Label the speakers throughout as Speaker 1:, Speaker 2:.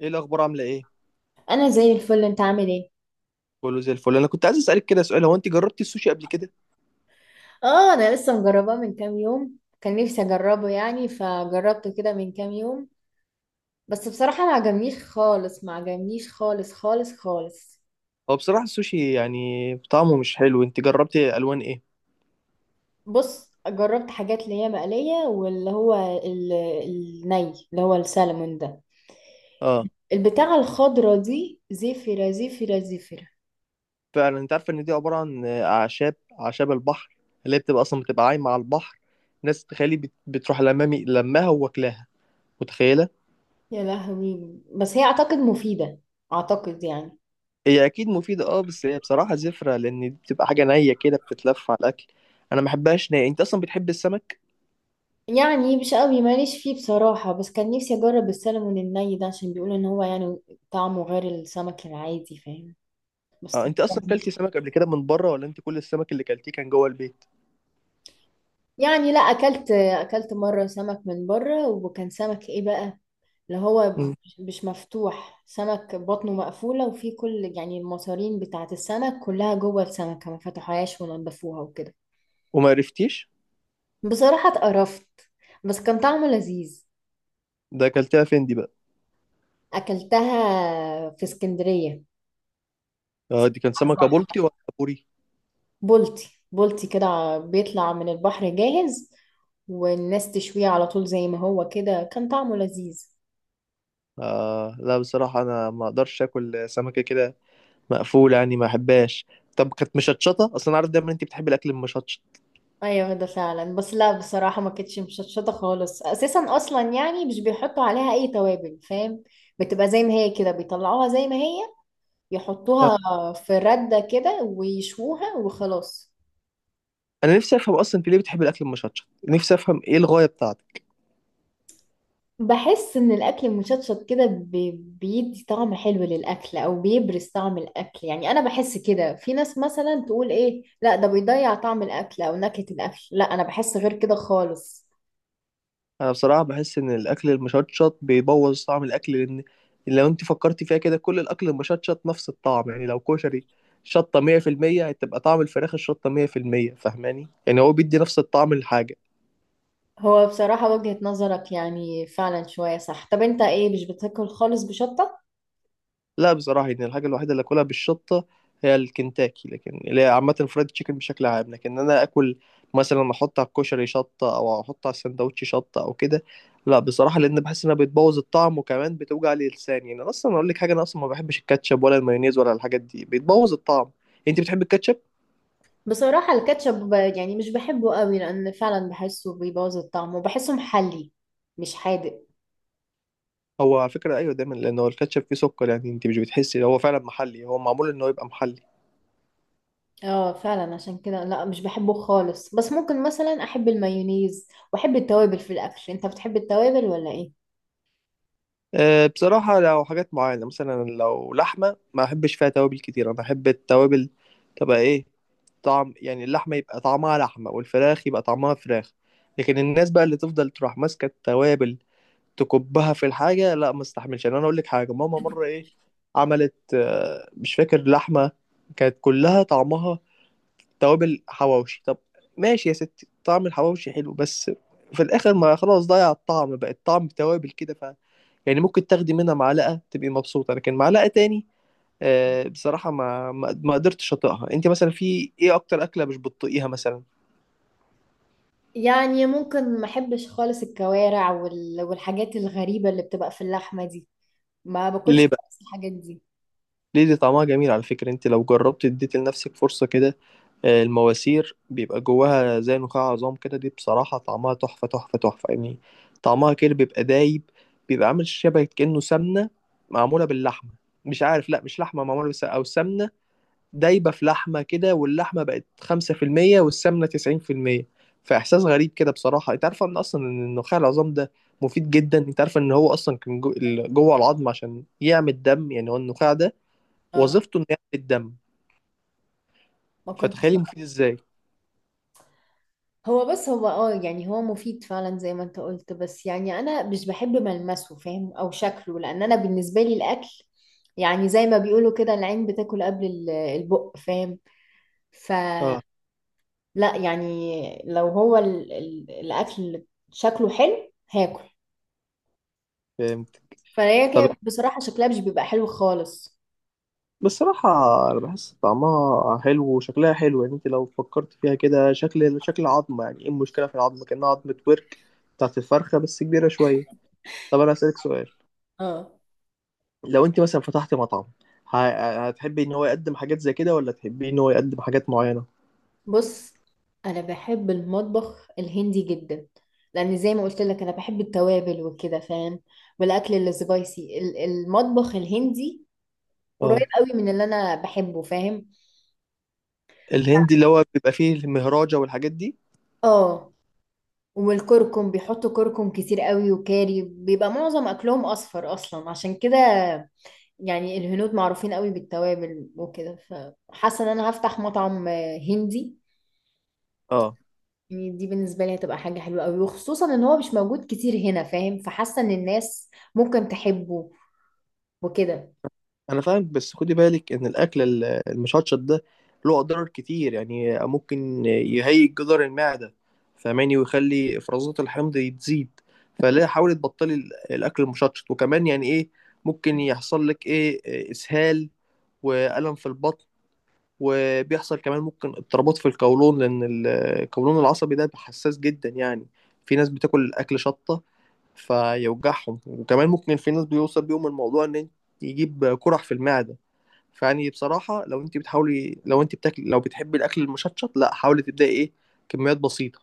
Speaker 1: ايه الاخبار؟ عامله ايه؟
Speaker 2: انا زي الفل. انت عامل ايه؟
Speaker 1: كله زي الفل. انا كنت عايز اسالك كده سؤال، هو انت جربتي السوشي قبل كده؟
Speaker 2: اه، انا لسه مجرباه من كام يوم، كان نفسي اجربه فجربته كده من كام يوم. بس بصراحة ما عجبنيش خالص، ما عجبنيش خالص خالص خالص.
Speaker 1: هو بصراحه السوشي يعني طعمه مش حلو. انت جربتي الوان ايه؟
Speaker 2: بص، جربت حاجات اللي هي مقلية واللي هو ال- الني، اللي هو السلمون ده،
Speaker 1: اه،
Speaker 2: البتاعة الخضرة دي، زفرة زفرة زفرة.
Speaker 1: فعلا انت عارفه ان دي عباره عن اعشاب، اعشاب البحر اللي هي بتبقى اصلا بتبقى عايمه على البحر. ناس تخيلي بتروح لمامي لماها وواكلاها. متخيله؟
Speaker 2: يا لهوي، بس هي اعتقد مفيدة، اعتقد
Speaker 1: هي اكيد مفيده، اه، بس هي بصراحه زفره، لان دي بتبقى حاجه نيه كده بتتلف على الاكل. انا ما بحبهاش نيه. انت اصلا بتحب السمك؟
Speaker 2: يعني مش قوي ماليش فيه بصراحة. بس كان نفسي أجرب السلمون الني ده عشان بيقولوا إن هو طعمه غير السمك العادي، فاهم؟
Speaker 1: اه،
Speaker 2: بس
Speaker 1: انت اصلا كلتي
Speaker 2: مجربتش.
Speaker 1: سمك قبل كده من بره، ولا انت كل السمك اللي كلتيه كان جوه البيت؟
Speaker 2: يعني لا، أكلت، أكلت مرة سمك من بره، وكان سمك إيه بقى، اللي هو
Speaker 1: مم.
Speaker 2: مش مفتوح، سمك بطنه مقفولة وفيه كل المصارين بتاعة السمك كلها جوه السمكة، ما فتحوهاش ونضفوها وكده.
Speaker 1: وما عرفتيش؟
Speaker 2: بصراحة اتقرفت، بس كان طعمه لذيذ.
Speaker 1: ده اكلتها فين دي بقى؟
Speaker 2: أكلتها في اسكندرية.
Speaker 1: اه، دي كان سمكة بلطي ولا بوري؟
Speaker 2: بولتي بولتي كده، بيطلع من البحر جاهز والناس تشويه على طول زي ما هو كده، كان طعمه لذيذ.
Speaker 1: آه، لا بصراحة انا ما اقدرش اكل سمكة كده مقفولة، يعني ما احبهاش. طب كانت مشطشطة؟ اصلا انا عارف دايما انت بتحبي الاكل المشطشط.
Speaker 2: ايوه ده فعلا، بس لا بصراحة ما كانتش مشطشطة خالص اساسا، اصلا يعني مش بيحطوا عليها اي توابل، فاهم؟ بتبقى زي ما هي كده، بيطلعوها زي ما هي،
Speaker 1: آه.
Speaker 2: يحطوها في ردة كده ويشوها وخلاص.
Speaker 1: انا نفسي افهم اصلا انت ليه بتحبي الاكل المشطشط، نفسي افهم ايه الغاية بتاعتك.
Speaker 2: بحس ان الاكل المشطشط كده بيدي طعم حلو للاكل، او بيبرز طعم الاكل. يعني انا بحس كده. في ناس مثلا تقول ايه، لا ده بيضيع طعم الاكل او نكهة الاكل، لا انا بحس غير كده خالص.
Speaker 1: انا بصراحة بحس ان الاكل المشطشط بيبوظ طعم الاكل، لان لو انت فكرتي فيها كده كل الاكل المشطشط نفس الطعم. يعني لو كشري شطة 100%، هتبقى طعم الفراخ الشطة 100%، فاهماني؟ يعني هو بيدي نفس الطعم للحاجة.
Speaker 2: هو بصراحة وجهة نظرك يعني فعلا شوية صح. طب انت ايه، مش بتاكل خالص بشطة؟
Speaker 1: لا بصراحة، يعني الحاجة الوحيدة اللي آكلها بالشطة هي الكنتاكي، لكن اللي هي عامة الفرايد تشيكن بشكل عام. لكن أنا آكل مثلا أحط على الكشري شطة، أو أحط على السندوتش شطة، أو كده. لا بصراحة، لأن بحس إنها بتبوظ الطعم، وكمان بتوجع لي لساني. يعني أصلا أقول لك حاجة، أنا أصلا ما بحبش الكاتشب ولا المايونيز ولا الحاجات دي، بتبوظ الطعم. أنت بتحب الكاتشب؟
Speaker 2: بصراحة الكاتشب يعني مش بحبه قوي، لان فعلا بحسه بيبوظ الطعم وبحسه محلي، مش حادق.
Speaker 1: هو على فكرة أيوه دايما، لأن هو الكاتشب فيه سكر. يعني أنت مش بتحسي هو فعلا محلي؟ هو معمول إن هو يبقى محلي.
Speaker 2: اه فعلا، عشان كده لا مش بحبه خالص، بس ممكن مثلا احب المايونيز واحب التوابل في الاكل. انت بتحب التوابل ولا ايه؟
Speaker 1: أه، بصراحة لو حاجات معينة مثلا لو لحمة ما أحبش فيها توابل كتير، أنا أحب التوابل تبقى إيه، طعم، يعني اللحمة يبقى طعمها لحمة والفراخ يبقى طعمها فراخ. لكن الناس بقى اللي تفضل تروح ماسكة التوابل تكبها في الحاجة، لا ما استحملش. يعني أنا أقول لك حاجة، ماما مرة إيه عملت، مش فاكر، لحمة كانت كلها طعمها توابل، حواوشي. طب ماشي يا ستي، طعم الحواوشي حلو، بس في الآخر ما خلاص، ضيع الطعم بقى، الطعم توابل كده. يعني ممكن تاخدي منها معلقة تبقي مبسوطة، لكن معلقة تاني بصراحة ما قدرتش أطيقها. أنت مثلا في إيه أكتر أكلة مش بتطيقيها مثلا؟
Speaker 2: يعني ممكن ما احبش خالص الكوارع والحاجات الغريبة اللي بتبقى في اللحمة دي، ما باكلش
Speaker 1: ليه بقى؟
Speaker 2: خالص الحاجات دي.
Speaker 1: ليه؟ دي طعمها جميل على فكرة، أنت لو جربت اديت لنفسك فرصة كده. المواسير بيبقى جواها زي نخاع عظام كده، دي بصراحة طعمها تحفة تحفة تحفة، يعني طعمها كده بيبقى دايب، بيبقى عامل شبه كأنه سمنة معمولة باللحمة. مش عارف، لا مش لحمة معمولة بس، أو سمنة دايبه في لحمه كده، واللحمه بقت 5% والسمنه 90%. فاحساس غريب كده بصراحه. انت عارفه ان اصلا ان النخاع العظام ده مفيد جدا؟ انت عارفه ان هو اصلا كان جوه العظم عشان يعمل دم؟ يعني هو النخاع ده
Speaker 2: اه،
Speaker 1: وظيفته انه يعمل الدم،
Speaker 2: ما كنتش.
Speaker 1: فتخيلي مفيد ازاي.
Speaker 2: هو بس هو اه، يعني هو مفيد فعلا زي ما انت قلت، بس يعني انا مش بحب ملمسه، فاهم؟ او شكله، لان انا بالنسبة لي الاكل يعني زي ما بيقولوا كده، العين بتاكل قبل البق، فاهم؟ ف
Speaker 1: اه،
Speaker 2: لا يعني، لو هو الاكل شكله حلو هاكل.
Speaker 1: فهمت.
Speaker 2: فهي
Speaker 1: طب
Speaker 2: كده بصراحة شكلها مش بيبقى حلو خالص.
Speaker 1: بصراحة أنا بحس طعمها حلو وشكلها حلو، يعني أنت لو فكرت فيها كده شكل، شكل عظمة، يعني إيه المشكلة في العظمة، كأنها عظمة ورك بتاعت الفرخة بس كبيرة شوية. طب أنا أسألك سؤال،
Speaker 2: اه.
Speaker 1: لو انت مثلا فتحت مطعم، هتحبي ان هو يقدم حاجات زي كده، ولا تحبي ان هو يقدم حاجات معينة؟
Speaker 2: بص، انا بحب المطبخ الهندي جدا، لان زي ما قلت لك انا بحب التوابل وكده، فاهم؟ والاكل السبايسي، المطبخ الهندي قريب
Speaker 1: اه،
Speaker 2: قوي من اللي انا بحبه، فاهم؟
Speaker 1: الهندي اللي هو بيبقى فيه المهراجة والحاجات دي؟
Speaker 2: اه، والكركم، بيحطوا كركم كتير قوي وكاري، بيبقى معظم اكلهم اصفر اصلا عشان كده. يعني الهنود معروفين قوي بالتوابل وكده، فحاسه ان انا هفتح مطعم آه، هندي.
Speaker 1: اه،
Speaker 2: يعني دي بالنسبه لي هتبقى حاجه حلوه قوي، وخصوصا ان هو مش موجود كتير هنا، فاهم؟ فحاسه ان الناس ممكن تحبه وكده.
Speaker 1: انا فاهم، بس خدي بالك ان الاكل المشطشط ده له اضرار كتير. يعني ممكن يهيج جدار المعدة، فاهماني، ويخلي افرازات الحمض تزيد. فلا، حاولي تبطلي الاكل المشطشط. وكمان يعني ايه ممكن يحصل لك، ايه، اسهال والم في البطن. وبيحصل كمان ممكن اضطرابات في القولون، لأن القولون العصبي ده حساس جدا. يعني في ناس بتاكل أكل شطة فيوجعهم، وكمان ممكن في ناس بيوصل بيهم الموضوع إن يجيب قرح في المعدة. فيعني بصراحة لو أنت بتحاولي، لو أنت بتاكل، لو بتحبي الأكل المشطشط، لا حاولي تبدأي، إيه، كميات بسيطة.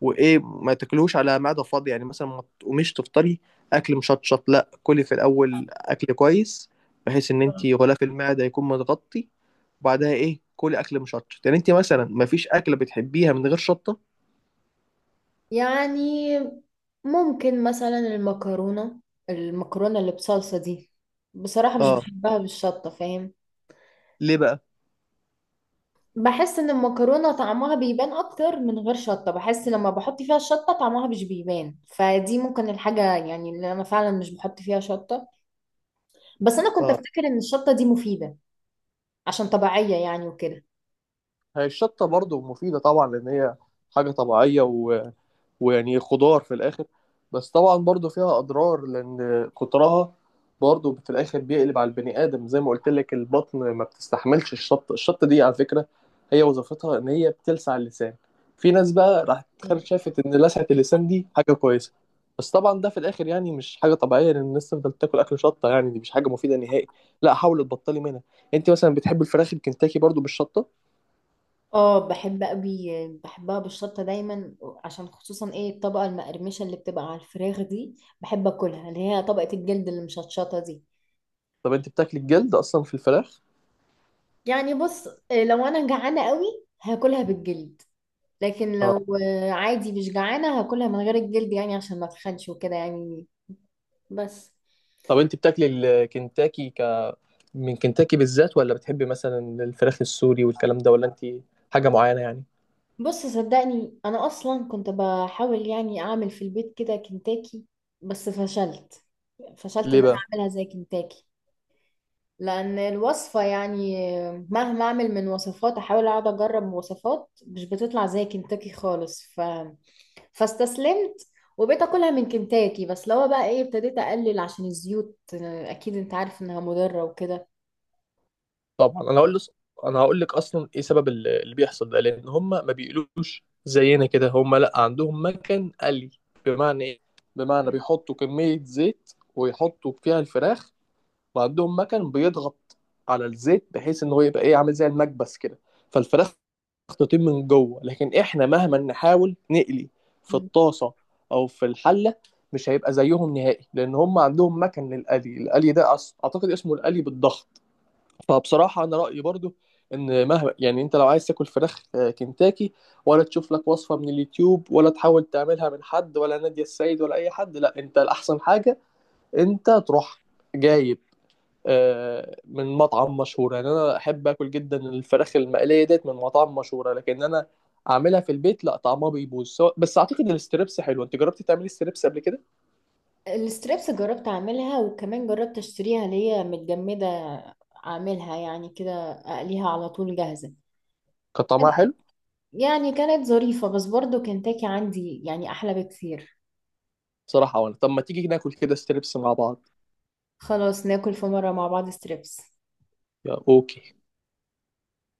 Speaker 1: وايه، ما تاكلهوش على معده فاضيه، يعني مثلا ما تقوميش تفطري اكل مشطشط. لا، كلي في الاول اكل كويس بحيث ان انت غلاف المعده يكون متغطي، وبعدها ايه كلي اكل مشطشط. يعني انت مثلا ما فيش اكله بتحبيها من غير شطه؟
Speaker 2: يعني ممكن مثلا المكرونه، اللي بصلصه دي، بصراحه مش
Speaker 1: اه،
Speaker 2: بحبها بالشطه، فاهم؟
Speaker 1: ليه بقى؟
Speaker 2: بحس ان المكرونه طعمها بيبان اكتر من غير شطه، بحس لما بحط فيها الشطه طعمها مش بيبان، فدي ممكن الحاجه يعني اللي انا فعلا مش بحط فيها شطه. بس انا كنت
Speaker 1: اه،
Speaker 2: افتكر ان الشطه دي مفيده عشان طبيعيه يعني وكده.
Speaker 1: هي الشطه برضو مفيده طبعا، لان هي حاجه طبيعيه، ويعني خضار في الاخر. بس طبعا برضو فيها اضرار، لان كترها برضو في الاخر بيقلب على البني ادم. زي ما قلت لك البطن ما بتستحملش الشط. دي على فكره هي وظيفتها ان هي بتلسع اللسان، في ناس بقى راح
Speaker 2: مم.
Speaker 1: تخرج شافت ان لسعه اللسان دي حاجه كويسه. بس طبعا ده في الاخر يعني مش حاجه طبيعيه، لان الناس تفضل تاكل اكل شطه، يعني دي مش حاجه مفيده نهائي. لا حاولي تبطلي منها. انت مثلا بتحبي الفراخ الكنتاكي برضو بالشطه؟
Speaker 2: اه بحب قوي، بحبها بالشطه دايما، عشان خصوصا ايه الطبقه المقرمشه اللي بتبقى على الفراخ دي، بحب اكلها، اللي هي طبقه الجلد اللي مشطشطه دي.
Speaker 1: طب انت بتاكلي الجلد اصلا في الفراخ؟
Speaker 2: يعني بص آه، لو انا جعانه قوي هاكلها بالجلد، لكن
Speaker 1: اه،
Speaker 2: لو آه، عادي مش جعانة هاكلها من غير الجلد، يعني عشان ما اتخنش وكده يعني. بس.
Speaker 1: طب انت بتاكلي الكنتاكي من كنتاكي بالذات، ولا بتحبي مثلا الفراخ السوري والكلام ده، ولا انت حاجه معينه يعني؟
Speaker 2: بص صدقني، انا اصلا كنت بحاول يعني اعمل في البيت كده كنتاكي، بس فشلت، فشلت
Speaker 1: ليه
Speaker 2: ان انا
Speaker 1: بقى؟
Speaker 2: اعملها زي كنتاكي. لان الوصفة يعني آه، مهما اعمل من وصفات، احاول اقعد اجرب وصفات مش بتطلع زي كنتاكي خالص. فاستسلمت، وبقيت اكلها من كنتاكي. بس لو بقى ايه، ابتديت اقلل عشان الزيوت آه، اكيد انت عارف انها مضرة وكده.
Speaker 1: طبعا انا هقول لك، انا هقول لك اصلا ايه سبب اللي بيحصل ده. لان هم ما بيقلوش زينا كده، هم لا عندهم مكن قلي. بمعنى ايه؟ بمعنى بيحطوا كميه زيت ويحطوا فيها الفراخ، وعندهم مكن بيضغط على الزيت بحيث ان هو يبقى ايه عامل زي المكبس كده، فالفراخ تطيب من جوه. لكن احنا مهما نحاول نقلي في الطاسه او في الحله مش هيبقى زيهم نهائي، لان هم عندهم مكن للقلي، القلي ده اعتقد اسمه القلي بالضغط. فبصراحه انا رايي برضو ان مهما، يعني انت لو عايز تاكل فراخ كنتاكي، ولا تشوف لك وصفه من اليوتيوب، ولا تحاول تعملها من حد ولا نادية السيد ولا اي حد، لا انت الاحسن حاجه انت تروح جايب من مطعم مشهور. يعني انا احب اكل جدا الفراخ المقليه ديت من مطاعم مشهوره، لكن انا اعملها في البيت لا، طعمها بيبوظ. بس اعتقد ان الستريبس حلو، انت جربتي تعملي ستريبس قبل كده؟
Speaker 2: الستريبس جربت اعملها، وكمان جربت اشتريها اللي هي متجمدة، اعملها يعني كده اقليها على طول جاهزة.
Speaker 1: كان طعمها حلو؟
Speaker 2: يعني كانت ظريفة، بس برضو كنتاكي عندي يعني احلى بكتير.
Speaker 1: بصراحه، وانا، طب ما تيجي ناكل كده ستريبس مع بعض.
Speaker 2: خلاص ناكل في مرة مع بعض ستريبس
Speaker 1: يا اوكي.